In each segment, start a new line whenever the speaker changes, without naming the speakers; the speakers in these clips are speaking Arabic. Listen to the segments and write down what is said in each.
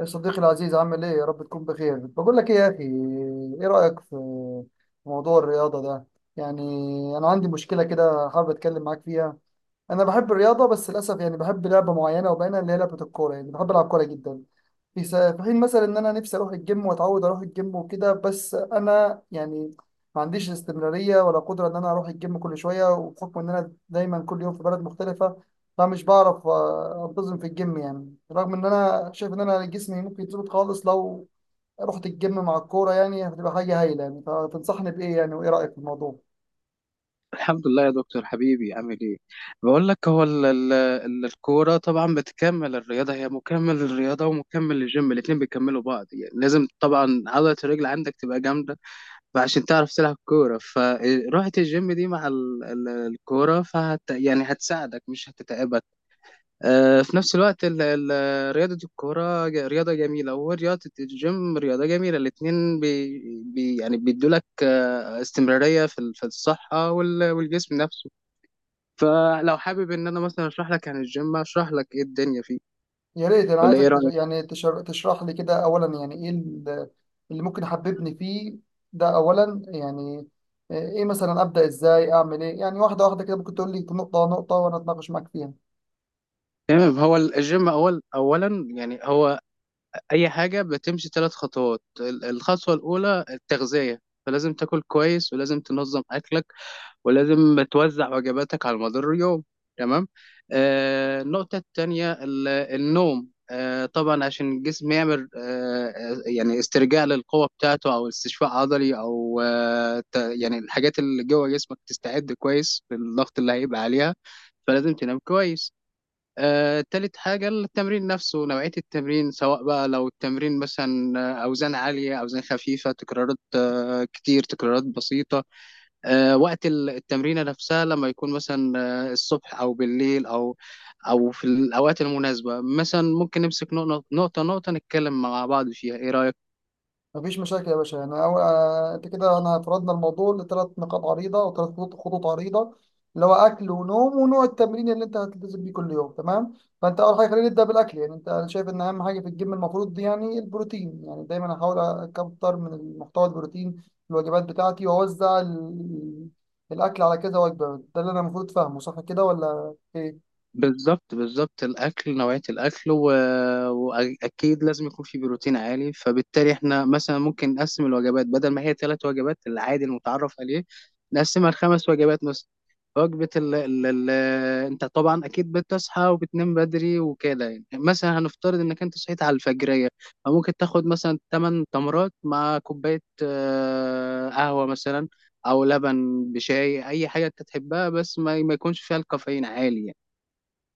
يا صديقي العزيز، عامل ايه؟ يا رب تكون بخير. بقول لك ايه يا اخي، ايه رأيك في موضوع الرياضة ده؟ يعني انا عندي مشكلة كده، حابب اتكلم معاك فيها. انا بحب الرياضة بس للاسف يعني بحب لعبة معينة وبينها اللي هي لعبة الكورة، يعني بحب العب كورة جدا. في حين مثلا ان انا نفسي اروح الجيم واتعود اروح الجيم وكده، بس انا يعني ما عنديش استمراريه ولا قدره ان انا اروح الجيم كل شويه، وبحكم ان انا دايما كل يوم في بلد مختلفه، فمش بعرف انتظم في الجيم يعني، رغم ان انا شايف ان انا جسمي ممكن يتظبط خالص لو رحت الجيم مع الكوره، يعني هتبقى حاجه هايله يعني. فتنصحني بايه يعني؟ وايه رايك في الموضوع؟
الحمد لله يا دكتور حبيبي، عامل ايه؟ بقول لك هو الكوره طبعا بتكمل الرياضه، هي مكمل للرياضه ومكمل للجيم، الاتنين بيكملوا بعض يعني. لازم طبعا عضله الرجل عندك تبقى جامده، فعشان تعرف تلعب كوره، فروحة الجيم دي مع ال ال الكوره فهت يعني هتساعدك، مش هتتعبك. في نفس الوقت ال رياضه الكوره رياضه جميله، ورياضه الجيم رياضه جميله، الاتنين بي بي يعني بيدولك استمراريه في في الصحه والجسم نفسه. فلو حابب ان انا مثلا اشرح لك عن الجيم، اشرح لك ايه الدنيا فيه،
يا ريت، انا
ولا
عايزك
ايه رايك؟
تشرح لي كده اولا، يعني ايه اللي ممكن يحببني فيه ده اولا. يعني ايه مثلا ابدا؟ ازاي اعمل ايه؟ يعني واحده واحده كده ممكن تقول لي نقطه نقطه وانا اتناقش معاك فيها.
تمام، هو الجيم اولا يعني هو اي حاجه بتمشي 3 خطوات، الخطوه الاولى التغذيه، فلازم تاكل كويس، ولازم تنظم اكلك، ولازم توزع وجباتك على مدار اليوم. تمام. النقطة التانية النوم، طبعا عشان الجسم يعمل يعني استرجاع للقوة بتاعته، أو استشفاء عضلي، أو يعني الحاجات اللي جوه جسمك تستعد كويس للضغط اللي هيبقى عليها، فلازم تنام كويس. تالت حاجة التمرين نفسه، نوعية التمرين، سواء بقى لو التمرين مثلا أوزان عالية، أوزان خفيفة، تكرارات كتير، تكرارات بسيطة، وقت التمرينة نفسها لما يكون مثلا الصبح أو بالليل، أو في الأوقات المناسبة. مثلا ممكن نمسك نقطة نقطة نقطة، نتكلم مع بعض فيها. إيه رأيك؟
مفيش مشاكل يا باشا. يعني أول أنت كده أنا فرضنا الموضوع لثلاث نقاط عريضة، أو ثلاث خطوط عريضة، اللي هو أكل ونوم ونوع التمرين اللي أنت هتلتزم بيه كل يوم، تمام. فأنت أول حاجة خلينا نبدأ بالأكل. يعني أنت أنا شايف إن أهم حاجة في الجيم المفروض دي يعني البروتين، يعني دايما أحاول أكتر من المحتوى البروتين في الوجبات بتاعتي وأوزع الأكل على كذا وجبة. ده اللي أنا المفروض فاهمه، صح كده ولا إيه؟
بالظبط بالظبط، الاكل، نوعيه الاكل واكيد لازم يكون في بروتين عالي، فبالتالي احنا مثلا ممكن نقسم الوجبات بدل ما هي 3 وجبات العادي المتعرف عليه، نقسمها لـ 5 وجبات مثلا. وجبه انت طبعا اكيد بتصحى وبتنام بدري وكده يعني، مثلا هنفترض انك انت صحيت على الفجريه، فممكن تاخد مثلا 8 تمرات مع كوبايه قهوه مثلا، او لبن بشاي، اي حاجه انت تحبها، بس ما يكونش فيها الكافيين عالي يعني.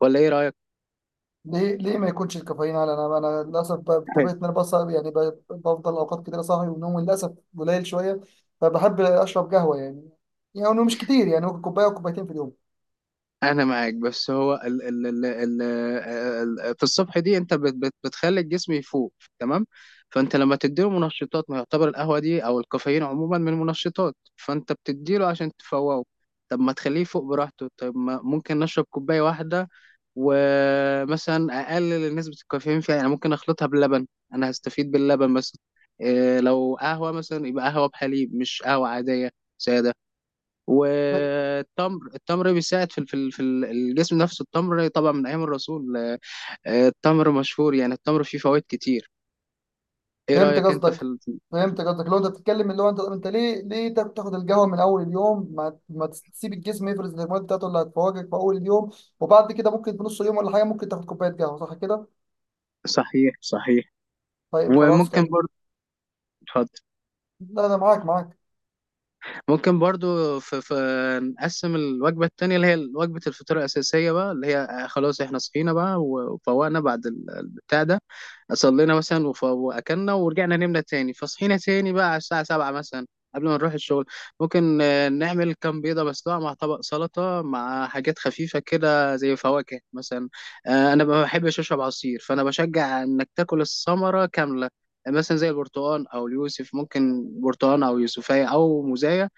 ولا ايه رايك؟
ليه ما يكونش الكافيين على، انا للاسف بطبيعه ان انا بصعب يعني، بفضل اوقات كتير صاحي، ونومي للاسف قليل شويه. فبحب اشرب قهوه يعني، يعني إنه مش كتير، يعني ممكن كوبايه او كوبايتين في اليوم.
انا معاك، بس هو ال في الصبح دي انت بت بت بتخلي الجسم يفوق، تمام. فانت لما تديله منشطات، ما يعتبر القهوه دي او الكافيين عموما من منشطات، فانت بتديله عشان تفوقه. طب ما تخليه يفوق براحته، طب ما ممكن نشرب كوبايه واحده، ومثلا اقلل نسبه الكافيين فيها، يعني ممكن اخلطها باللبن، انا هستفيد باللبن مثلا. إيه لو قهوه مثلا، يبقى قهوه بحليب مش قهوه عاديه ساده.
ف-
والتمر، بيساعد في الجسم نفسه. التمر طبعا من ايام الرسول، التمر مشهور يعني، التمر فيه فوائد كتير. ايه
فهمت
رايك انت في
قصدك. فهمت قصدك لو انت بتتكلم اللي هو انت، انت ليه تاخد القهوه من اول اليوم؟ ما تسيب الجسم يفرز الهرمونات بتاعته اللي هتفوقك في اول اليوم، وبعد كده ممكن في نص اليوم ولا حاجه ممكن تاخد كوبايه قهوه. صح كده؟
صحيح صحيح.
طيب خلاص
وممكن
كده.
برضه... اتفضل.
لا، انا معاك معاك.
ممكن برضو في في نقسم الوجبة التانية اللي هي وجبة الفطار الأساسية بقى، اللي هي خلاص احنا صحينا بقى وفوقنا بعد البتاع ده، صلينا مثلا وأكلنا ورجعنا نمنا تاني، فصحينا تاني بقى على الساعة 7 مثلا قبل ما نروح الشغل. ممكن نعمل كام بيضة مسلوقة مع طبق سلطة مع حاجات خفيفة كده زي فواكه مثلا. أنا ما بحبش أشرب عصير، فأنا بشجع إنك تاكل الثمرة كاملة، مثلا زي البرتقال أو اليوسف، ممكن برتقال أو يوسفية أو موزاية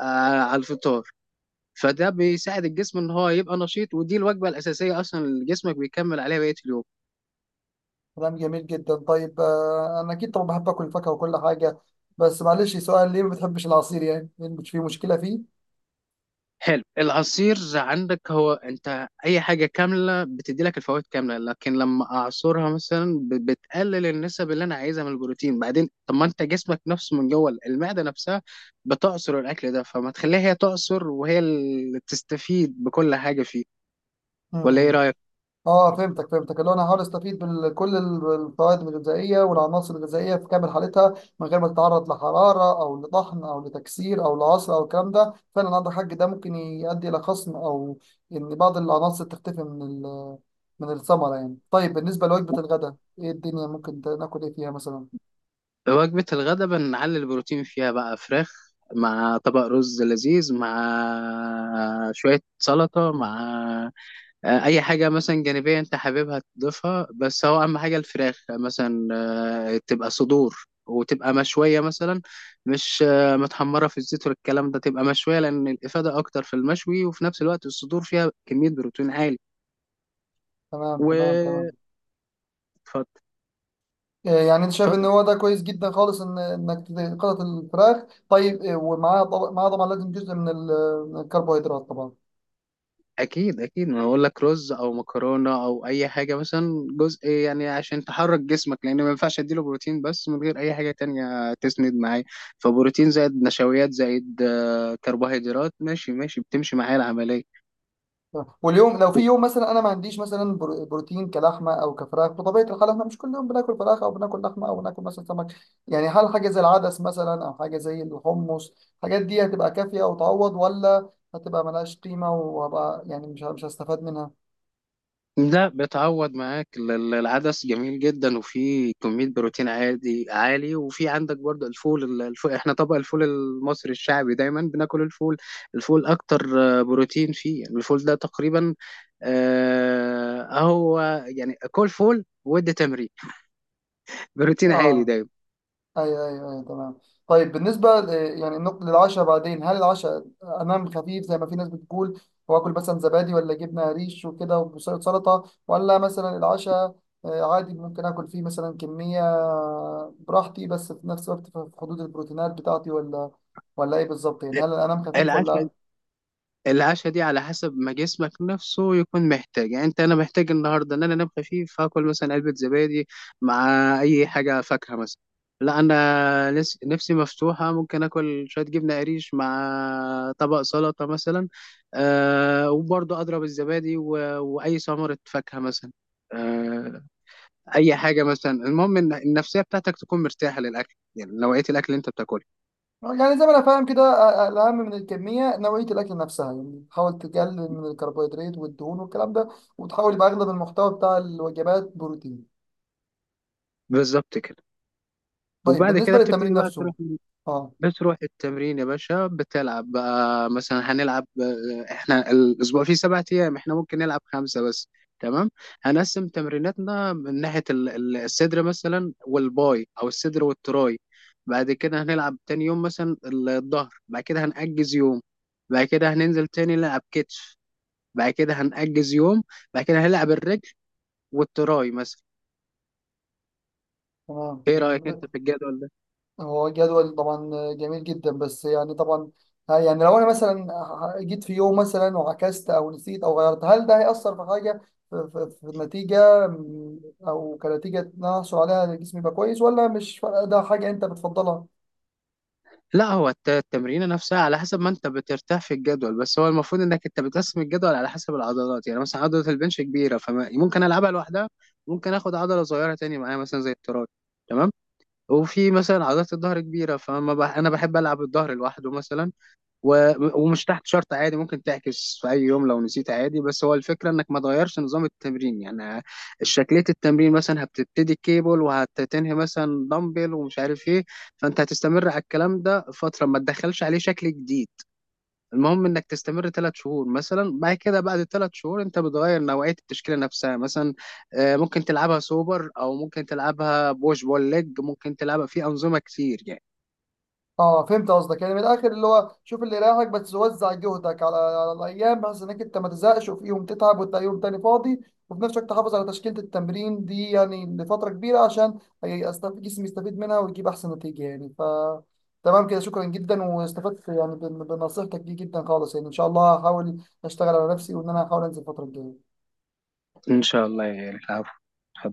آه، على الفطار. فده بيساعد الجسم ان هو يبقى نشيط، ودي الوجبه الاساسيه اصلا اللي جسمك بيكمل عليها بقيه اليوم.
كلام جميل جدا. طيب انا اكيد طبعا بحب اكل فاكهه وكل حاجه، بس معلش سؤال، ليه ما بتحبش العصير يعني؟ مش في مشكله فيه.
حلو، العصير عندك، هو انت اي حاجه كامله بتدي لك الفوائد كامله، لكن لما اعصرها مثلا بتقلل النسب اللي انا عايزها من البروتين. بعدين طب ما انت جسمك نفسه من جوه المعده نفسها بتعصر الاكل ده، فما تخليها هي تعصر وهي اللي تستفيد بكل حاجه فيه. ولا ايه
امم
رايك؟
اه، فهمتك. فهمتك اللي هو انا هحاول استفيد بكل الفوائد الغذائيه والعناصر الغذائيه في كامل حالتها من غير ما تتعرض لحراره او لطحن او لتكسير او لعصر او الكلام ده. فعلا عندك حق، ده ممكن يؤدي الى خصم او ان بعض العناصر تختفي من من الثمره يعني. طيب بالنسبه لوجبه الغداء، ايه الدنيا؟ ممكن ناكل ايه فيها مثلا؟
وجبة الغداء بنعلي البروتين فيها بقى، فراخ مع طبق رز لذيذ مع شوية سلطة مع أي حاجة مثلا جانبية أنت حاببها تضيفها، بس هو أهم حاجة الفراخ مثلا تبقى صدور، وتبقى مشوية مثلا، مش متحمرة في الزيت والكلام ده، تبقى مشوية لأن الإفادة أكتر في المشوي، وفي نفس الوقت الصدور فيها كمية بروتين عالي.
تمام تمام
و...
تمام.
اتفضل.
إيه، يعني انت شايف ان
اتفضل.
هو ده كويس جدا خالص، ان انك قطعة الفراخ. طيب إيه، ومعاها طبعا، معاها طبعا لازم جزء من من الكربوهيدرات طبعا.
اكيد اكيد، ما اقول لك رز او مكرونه او اي حاجه مثلا، جزء يعني عشان تحرك جسمك، لان ما ينفعش اديله بروتين بس من غير اي حاجه تانية تسند معاه. فبروتين زائد نشويات زائد كربوهيدرات، ماشي ماشي، بتمشي معايا العمليه.
واليوم لو في يوم مثلا انا ما عنديش مثلا بروتين كلحمه او كفراخ، بطبيعه الحال احنا مش كل يوم بناكل فراخ او بناكل لحمه او بناكل مثلا سمك. يعني هل حاجه زي العدس مثلا او حاجه زي الحمص، الحاجات دي هتبقى كافيه وتعوض، ولا هتبقى ملهاش قيمه وهبقى يعني مش هستفاد منها؟
لا، بتعوض معاك العدس جميل جدا، وفيه كمية بروتين عادي عالي، وفي عندك برضه الفول، الفول احنا طبق الفول المصري الشعبي دايما بناكل الفول، الفول اكتر بروتين فيه يعني، الفول ده تقريبا هو يعني كل فول، ودي تمرين بروتين عالي
اه،
دايما.
ايوه ايوه ايوه، تمام. طيب بالنسبه يعني النقطه للعشاء بعدين، هل العشاء انام خفيف زي ما في ناس بتقول، واكل مثلا زبادي ولا جبنه قريش وكده وسلطه، ولا مثلا العشاء عادي ممكن اكل فيه مثلا كميه براحتي بس في نفس الوقت في حدود البروتينات بتاعتي؟ ولا، ولا ايه بالظبط يعني؟ هل انام خفيف
العشاء،
ولا؟
دي على حسب ما جسمك نفسه يكون محتاج، يعني انت انا محتاج النهارده ان انا انام خفيف، فاكل مثلا علبه زبادي مع اي حاجه فاكهه مثلا. لا انا نفسي مفتوحه، ممكن اكل شويه جبنه قريش مع طبق سلطه مثلا. وبرضه اضرب الزبادي واي ثمره فاكهه مثلا. أه اي حاجه مثلا، المهم ان النفسيه بتاعتك تكون مرتاحه للاكل، يعني نوعيه الاكل اللي انت بتاكله.
يعني زي ما انا فاهم كده، الاهم من الكميه نوعيه الاكل نفسها، يعني تحاول تقلل من الكربوهيدرات والدهون والكلام ده، وتحاول يبقى اغلب المحتوى بتاع الوجبات بروتين.
بالظبط كده.
طيب
وبعد
بالنسبة
كده
للتمرين
بتبتدي بقى
نفسه. اه.
بتروح التمرين يا باشا، بتلعب بقى مثلا. هنلعب احنا الاسبوع فيه 7 ايام، احنا ممكن نلعب 5 بس. تمام. هنقسم تمريناتنا من ناحيه الصدر مثلا والباي، او الصدر والتراي. بعد كده هنلعب تاني يوم مثلا الظهر، بعد كده هنأجز يوم. بعد كده هننزل تاني نلعب كتف، بعد كده هنأجز يوم، بعد كده هنلعب الرجل والتراي مثلا.
تمام
ايه
تمام.
رأيك انت في الجدول ده؟
هو جدول طبعا جميل جدا، بس يعني طبعا يعني لو انا مثلا جيت في يوم مثلا وعكست او نسيت او غيرت، هل ده هيأثر في حاجة في, في النتيجة م، او كنتيجة إن أنا احصل عليها جسمي يبقى كويس، ولا مش فارقة؟ ده حاجة انت بتفضلها.
لا هو التمرينة نفسها على حسب ما انت بترتاح في الجدول، بس هو المفروض انك انت بتقسم الجدول على حسب العضلات، يعني مثلا عضلة البنش كبيرة فممكن العبها لوحدها، ممكن اخد عضلة صغيرة تاني معايا مثلا زي التراي. تمام. وفي مثلا عضلة الظهر كبيرة، فما انا بحب العب الظهر لوحده مثلا و- ومش تحت شرط، عادي ممكن تعكس في اي يوم لو نسيت عادي، بس هو الفكره انك ما تغيرش نظام التمرين يعني، شكليه التمرين مثلا هبتبتدي كيبل وهتنهي مثلا دمبل ومش عارف ايه، فانت هتستمر على الكلام ده فتره، ما تدخلش عليه شكل جديد. المهم انك تستمر 3 شهور مثلا، بعد كده بعد 3 شهور انت بتغير نوعيه التشكيله نفسها مثلا، ممكن تلعبها سوبر، او ممكن تلعبها بوش بول ليج، ممكن تلعبها في انظمه كتير يعني.
اه، فهمت قصدك. يعني من الاخر اللي هو شوف اللي يريحك، بس وزع جهدك على, على الايام بحيث انك انت ما تزهقش، وفي يوم تتعب وتلاقي يوم تاني فاضي، وفي نفس الوقت تحافظ على تشكيله التمرين دي يعني لفتره كبيره عشان يستفيد جسمي، يستفيد منها ويجيب احسن نتيجه يعني. ف، تمام كده. شكرا جدا، واستفدت يعني بنصيحتك دي جدا خالص، يعني ان شاء الله هحاول اشتغل على نفسي، وان انا هحاول انزل الفتره الجايه.
ان شاء الله يعني، العفو.